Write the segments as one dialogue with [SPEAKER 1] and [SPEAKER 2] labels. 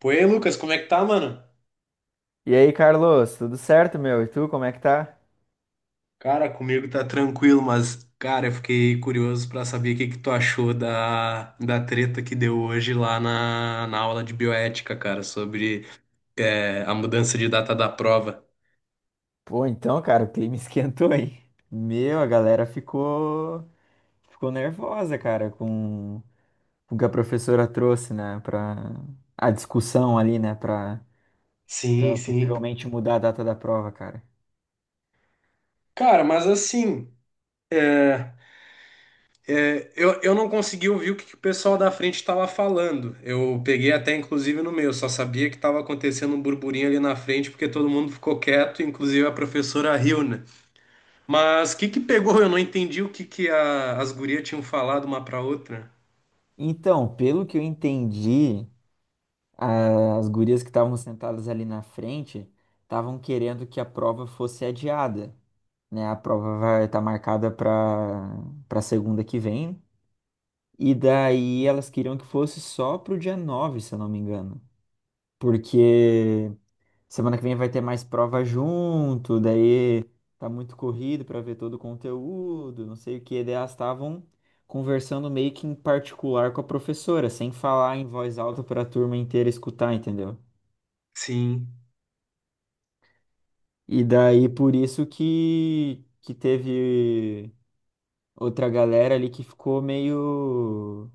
[SPEAKER 1] Pô, e aí, Lucas, como é que tá, mano?
[SPEAKER 2] E aí, Carlos, tudo certo, meu? E tu, como é que tá?
[SPEAKER 1] Cara, comigo tá tranquilo, mas, cara, eu fiquei curioso pra saber o que que tu achou da treta que deu hoje lá na aula de bioética, cara, sobre a mudança de data da prova.
[SPEAKER 2] Pô, então, cara, o clima esquentou, aí. Meu, a galera ficou nervosa, cara, com o que a professora trouxe, né, pra a discussão ali, né, pra,
[SPEAKER 1] Sim,
[SPEAKER 2] pra
[SPEAKER 1] sim.
[SPEAKER 2] possivelmente mudar a data da prova, cara.
[SPEAKER 1] Cara, mas assim, eu não consegui ouvir que o pessoal da frente estava falando. Eu peguei até, inclusive, no meu, só sabia que estava acontecendo um burburinho ali na frente porque todo mundo ficou quieto, inclusive a professora riu, né? Mas o que que pegou? Eu não entendi o que que as gurias tinham falado uma pra outra.
[SPEAKER 2] Então, pelo que eu entendi, as gurias que estavam sentadas ali na frente estavam querendo que a prova fosse adiada, né? A prova vai estar marcada para segunda que vem. E daí elas queriam que fosse só pro dia 9, se eu não me engano. Porque semana que vem vai ter mais prova junto, daí tá muito corrido pra ver todo o conteúdo, não sei o que. Daí elas estavam conversando meio que em particular com a professora, sem falar em voz alta pra turma inteira escutar, entendeu?
[SPEAKER 1] Sim.
[SPEAKER 2] E daí por isso que teve outra galera ali que ficou meio.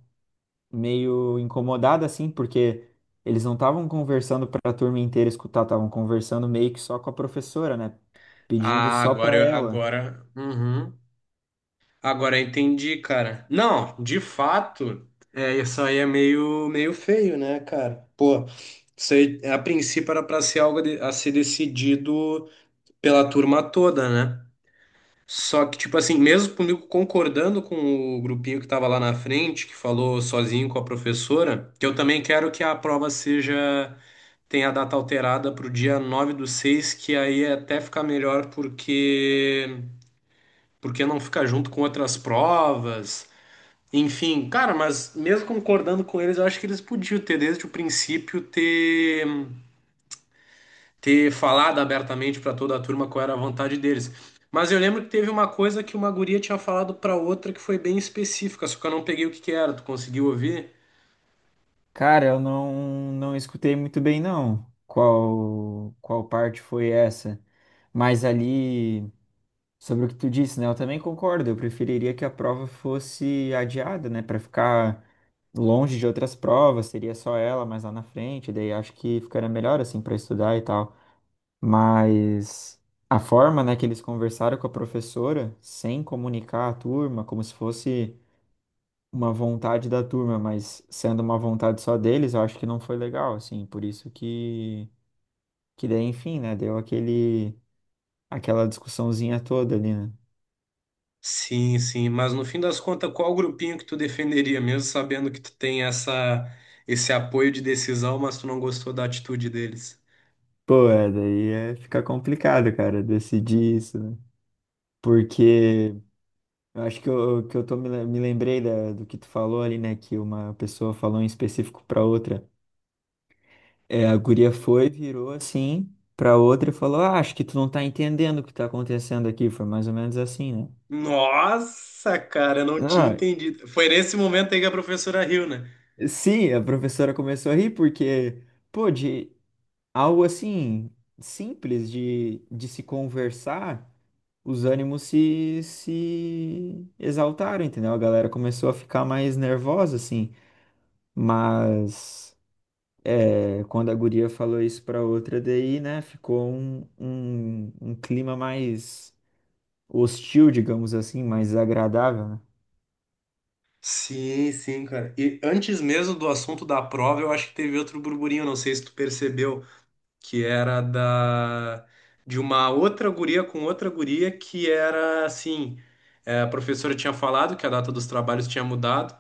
[SPEAKER 2] meio incomodada, assim, porque eles não estavam conversando para a turma inteira escutar, estavam conversando meio que só com a professora, né? Pedindo só para ela.
[SPEAKER 1] Uhum. Agora eu entendi, cara. Não, de fato, isso aí é meio, meio feio, né, cara? Pô, isso aí, a princípio era pra ser a ser decidido pela turma toda, né? Só que, tipo assim, mesmo comigo concordando com o grupinho que tava lá na frente, que falou sozinho com a professora, que eu também quero que a prova seja tem a data alterada para o dia 9 do 6 que aí é até fica melhor porque não fica junto com outras provas. Enfim, cara, mas mesmo concordando com eles, eu acho que eles podiam ter desde o princípio ter falado abertamente para toda a turma qual era a vontade deles. Mas eu lembro que teve uma coisa que uma guria tinha falado para outra que foi bem específica, só que eu não peguei o que que era. Tu conseguiu ouvir?
[SPEAKER 2] Cara, eu não, não escutei muito bem, não, qual parte foi essa. Mas ali, sobre o que tu disse, né? Eu também concordo. Eu preferiria que a prova fosse adiada, né? Para ficar longe de outras provas, seria só ela mais lá na frente. Daí acho que ficaria melhor, assim, para estudar e tal. Mas a forma, né, que eles conversaram com a professora, sem comunicar a turma, como se fosse uma vontade da turma, mas sendo uma vontade só deles, eu acho que não foi legal, assim, por isso que daí, enfim, né, deu aquele, aquela discussãozinha toda ali, né?
[SPEAKER 1] Sim, sim, mas no fim das contas, qual grupinho que tu defenderia, mesmo sabendo que tu tem esse apoio de decisão, mas tu não gostou da atitude deles?
[SPEAKER 2] Pô, é, daí é, fica complicado, cara, decidir isso, né? Porque eu acho que eu tô, me lembrei do que tu falou ali, né, que uma pessoa falou em específico pra outra. É, a guria foi, virou assim pra outra e falou: ah, acho que tu não tá entendendo o que tá acontecendo aqui. Foi mais ou menos assim, né?
[SPEAKER 1] Nossa, cara, eu não tinha
[SPEAKER 2] Ah,
[SPEAKER 1] entendido. Foi nesse momento aí que a professora riu, né?
[SPEAKER 2] sim, a professora começou a rir porque, pô, de algo assim simples de se conversar, os ânimos se exaltaram, entendeu? A galera começou a ficar mais nervosa, assim. Mas é, quando a guria falou isso pra outra, daí, né, ficou um clima mais hostil, digamos assim, mais agradável, né?
[SPEAKER 1] Sim, sim, cara. E antes mesmo do assunto da prova, eu acho que teve outro burburinho, não sei se tu percebeu, que era da de uma outra guria com outra guria que era assim, a professora tinha falado que a data dos trabalhos tinha mudado.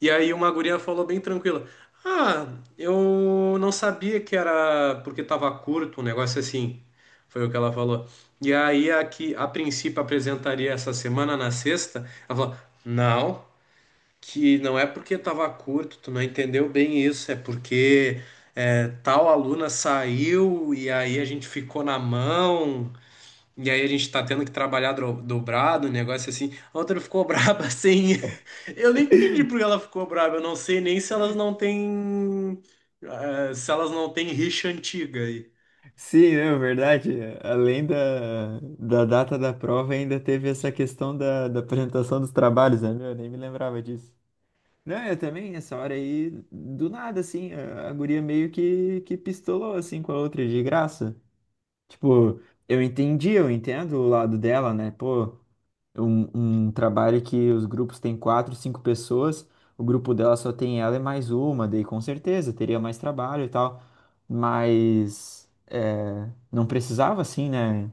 [SPEAKER 1] E aí uma guria falou bem tranquila: Ah, eu não sabia que era porque tava curto, um negócio assim. Foi o que ela falou. E aí a que a princípio apresentaria essa semana na sexta, ela falou: Não, que não é porque tava curto, tu não entendeu bem isso, é porque tal aluna saiu e aí a gente ficou na mão. E aí a gente tá tendo que trabalhar dobrado, um negócio assim. A outra ficou braba assim. Eu não entendi por que ela ficou braba. Eu não sei nem se elas não têm. Se elas não têm rixa antiga aí.
[SPEAKER 2] Sim, não, verdade. Além da data da prova, ainda teve essa questão da apresentação dos trabalhos, né? Meu, eu nem me lembrava disso. Não, eu também, nessa hora aí, do nada, assim, a guria meio que pistolou, assim, com a outra de graça. Tipo, eu entendi, eu entendo o lado dela, né? Pô, um trabalho que os grupos têm quatro, cinco pessoas, o grupo dela só tem ela e mais uma, daí com certeza teria mais trabalho e tal, mas é, não precisava assim, né,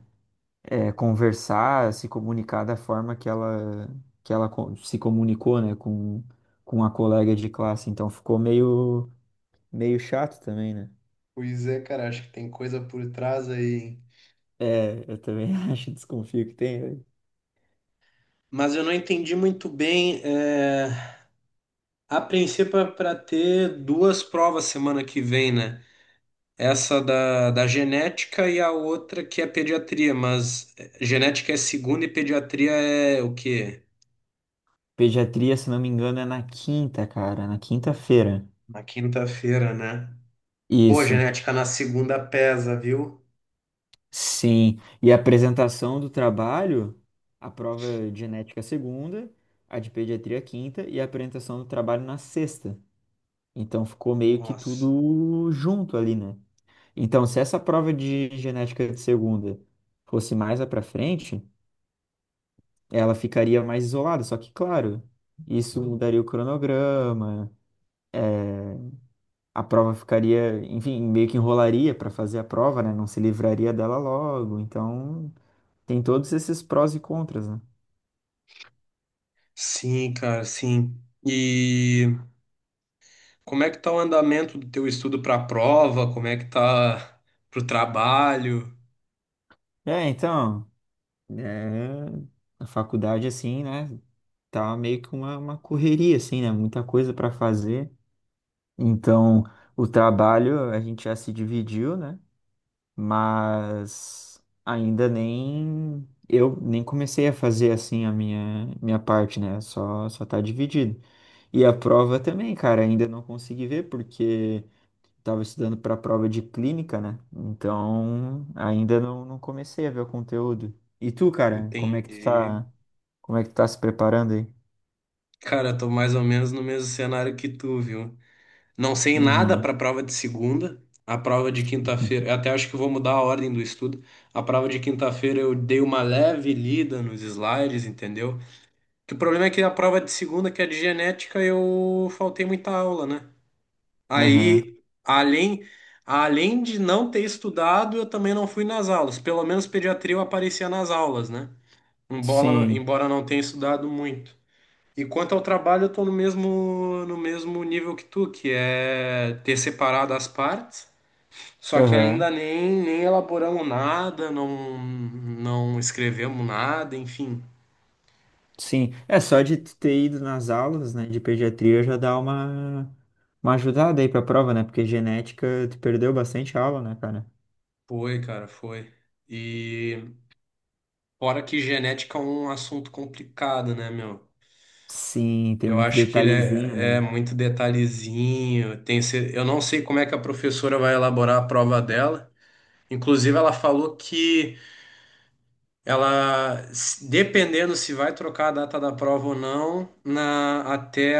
[SPEAKER 2] é, conversar, se comunicar da forma que ela, se comunicou, né, com a colega de classe, então ficou meio, meio chato também, né?
[SPEAKER 1] Pois é, cara, acho que tem coisa por trás aí, hein?
[SPEAKER 2] É, eu também acho, desconfio que tem.
[SPEAKER 1] Mas eu não entendi muito bem. A princípio é para ter 2 provas semana que vem, né? Essa da genética e a outra que é pediatria. Mas genética é segunda e pediatria é o quê?
[SPEAKER 2] Pediatria, se não me engano, é na quinta, cara, na quinta-feira.
[SPEAKER 1] Na quinta-feira, né? Pô,
[SPEAKER 2] Isso.
[SPEAKER 1] genética na segunda pesa, viu?
[SPEAKER 2] Sim, e a apresentação do trabalho, a prova de genética segunda, a de pediatria quinta e a apresentação do trabalho na sexta. Então ficou meio que
[SPEAKER 1] Nossa.
[SPEAKER 2] tudo junto ali, né? Então, se essa prova de genética de segunda fosse mais lá para frente, ela ficaria mais isolada. Só que, claro, isso mudaria o cronograma, a prova ficaria, enfim, meio que enrolaria para fazer a prova, né? Não se livraria dela logo. Então, tem todos esses prós e contras, né?
[SPEAKER 1] Sim, cara, sim. E como é que tá o andamento do teu estudo para a prova? Como é que tá pro trabalho?
[SPEAKER 2] É, então, é, a faculdade, assim, né, tá meio que uma correria, assim, né, muita coisa para fazer. Então, o trabalho a gente já se dividiu, né, mas ainda nem, eu nem comecei a fazer, assim, a minha parte, né, só tá dividido. E a prova também, cara, ainda não consegui ver, porque estava estudando para a prova de clínica, né? Então, ainda não, não comecei a ver o conteúdo. E tu, cara,
[SPEAKER 1] Entendi.
[SPEAKER 2] como é que tu tá se preparando aí?
[SPEAKER 1] Cara, tô mais ou menos no mesmo cenário que tu, viu? Não sei nada para
[SPEAKER 2] Uhum.
[SPEAKER 1] a prova de segunda. A prova de quinta-feira, eu até acho que vou mudar a ordem do estudo. A prova de quinta-feira eu dei uma leve lida nos slides, entendeu? Que o problema é que a prova de segunda, que é de genética, eu faltei muita aula, né?
[SPEAKER 2] Aham.
[SPEAKER 1] Aí, além, Além de não ter estudado, eu também não fui nas aulas. Pelo menos pediatria eu aparecia nas aulas, né?
[SPEAKER 2] Sim.
[SPEAKER 1] Embora não tenha estudado muito. E quanto ao trabalho, eu tô no mesmo nível que tu, que é ter separado as partes, só que
[SPEAKER 2] Aham.
[SPEAKER 1] ainda nem, nem elaboramos nada, não escrevemos nada, enfim.
[SPEAKER 2] Sim. É só de tu ter ido nas aulas, né, de pediatria já dá uma ajudada aí pra prova, né? Porque genética tu perdeu bastante aula, né, cara?
[SPEAKER 1] Foi, cara, foi. E fora que genética é um assunto complicado, né, meu?
[SPEAKER 2] Sim, tem
[SPEAKER 1] Eu
[SPEAKER 2] muito
[SPEAKER 1] acho que ele
[SPEAKER 2] detalhezinho,
[SPEAKER 1] é
[SPEAKER 2] né?
[SPEAKER 1] muito detalhezinho. Tem, eu não sei como é que a professora vai elaborar a prova dela. Inclusive, ela falou que ela, se- dependendo se vai trocar a data da prova ou não, até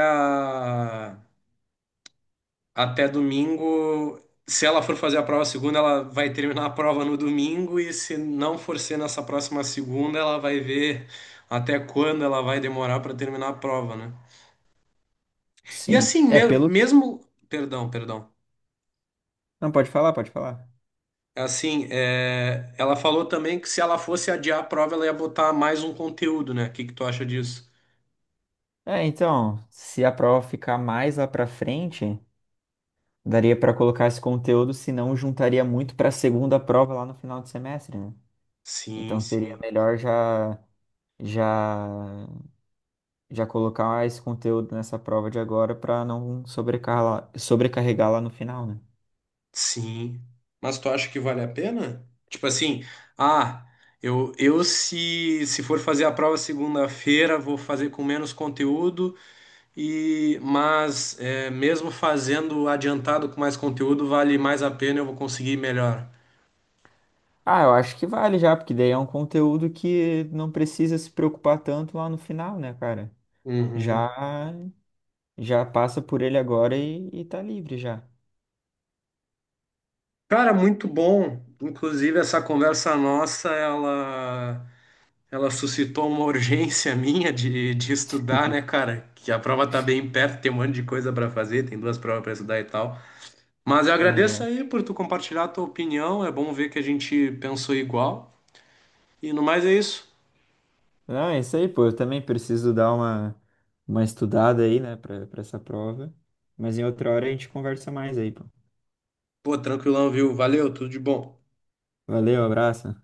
[SPEAKER 1] até domingo. Se ela for fazer a prova segunda, ela vai terminar a prova no domingo, e se não for ser nessa próxima segunda, ela vai ver até quando ela vai demorar para terminar a prova, né? E
[SPEAKER 2] Sim.
[SPEAKER 1] assim,
[SPEAKER 2] É pelo.
[SPEAKER 1] mesmo. Perdão, perdão.
[SPEAKER 2] Não, pode falar, pode falar.
[SPEAKER 1] É assim, é, ela falou também que se ela fosse adiar a prova, ela ia botar mais um conteúdo, né? O que que tu acha disso?
[SPEAKER 2] É, então, se a prova ficar mais lá pra frente, daria pra colocar esse conteúdo, senão juntaria muito pra segunda prova lá no final de semestre, né?
[SPEAKER 1] Sim,
[SPEAKER 2] Então seria
[SPEAKER 1] sim.
[SPEAKER 2] melhor já já colocar esse conteúdo nessa prova de agora pra não sobrecarregar, lá no final, né?
[SPEAKER 1] Sim. Mas tu acha que vale a pena? Tipo assim, ah, eu se, se for fazer a prova segunda-feira, vou fazer com menos conteúdo, e mas é, mesmo fazendo adiantado com mais conteúdo, vale mais a pena, eu vou conseguir melhor.
[SPEAKER 2] Ah, eu acho que vale já, porque daí é um conteúdo que não precisa se preocupar tanto lá no final, né, cara?
[SPEAKER 1] Uhum.
[SPEAKER 2] Já já passa por ele agora e tá livre já.
[SPEAKER 1] Cara, muito bom. Inclusive, essa conversa nossa, ela suscitou uma urgência minha de estudar, né, cara? Que a prova tá bem perto, tem um monte de coisa para fazer, tem 2 provas para estudar e tal. Mas eu agradeço aí por tu compartilhar a tua opinião. É bom ver que a gente pensou igual. E no mais é isso.
[SPEAKER 2] Não, é isso aí, pô. Eu também preciso dar uma estudada aí, né, pra essa prova. Mas em outra hora a gente conversa mais aí, pô.
[SPEAKER 1] Pô, tranquilão, viu? Valeu, tudo de bom.
[SPEAKER 2] Valeu, abraço.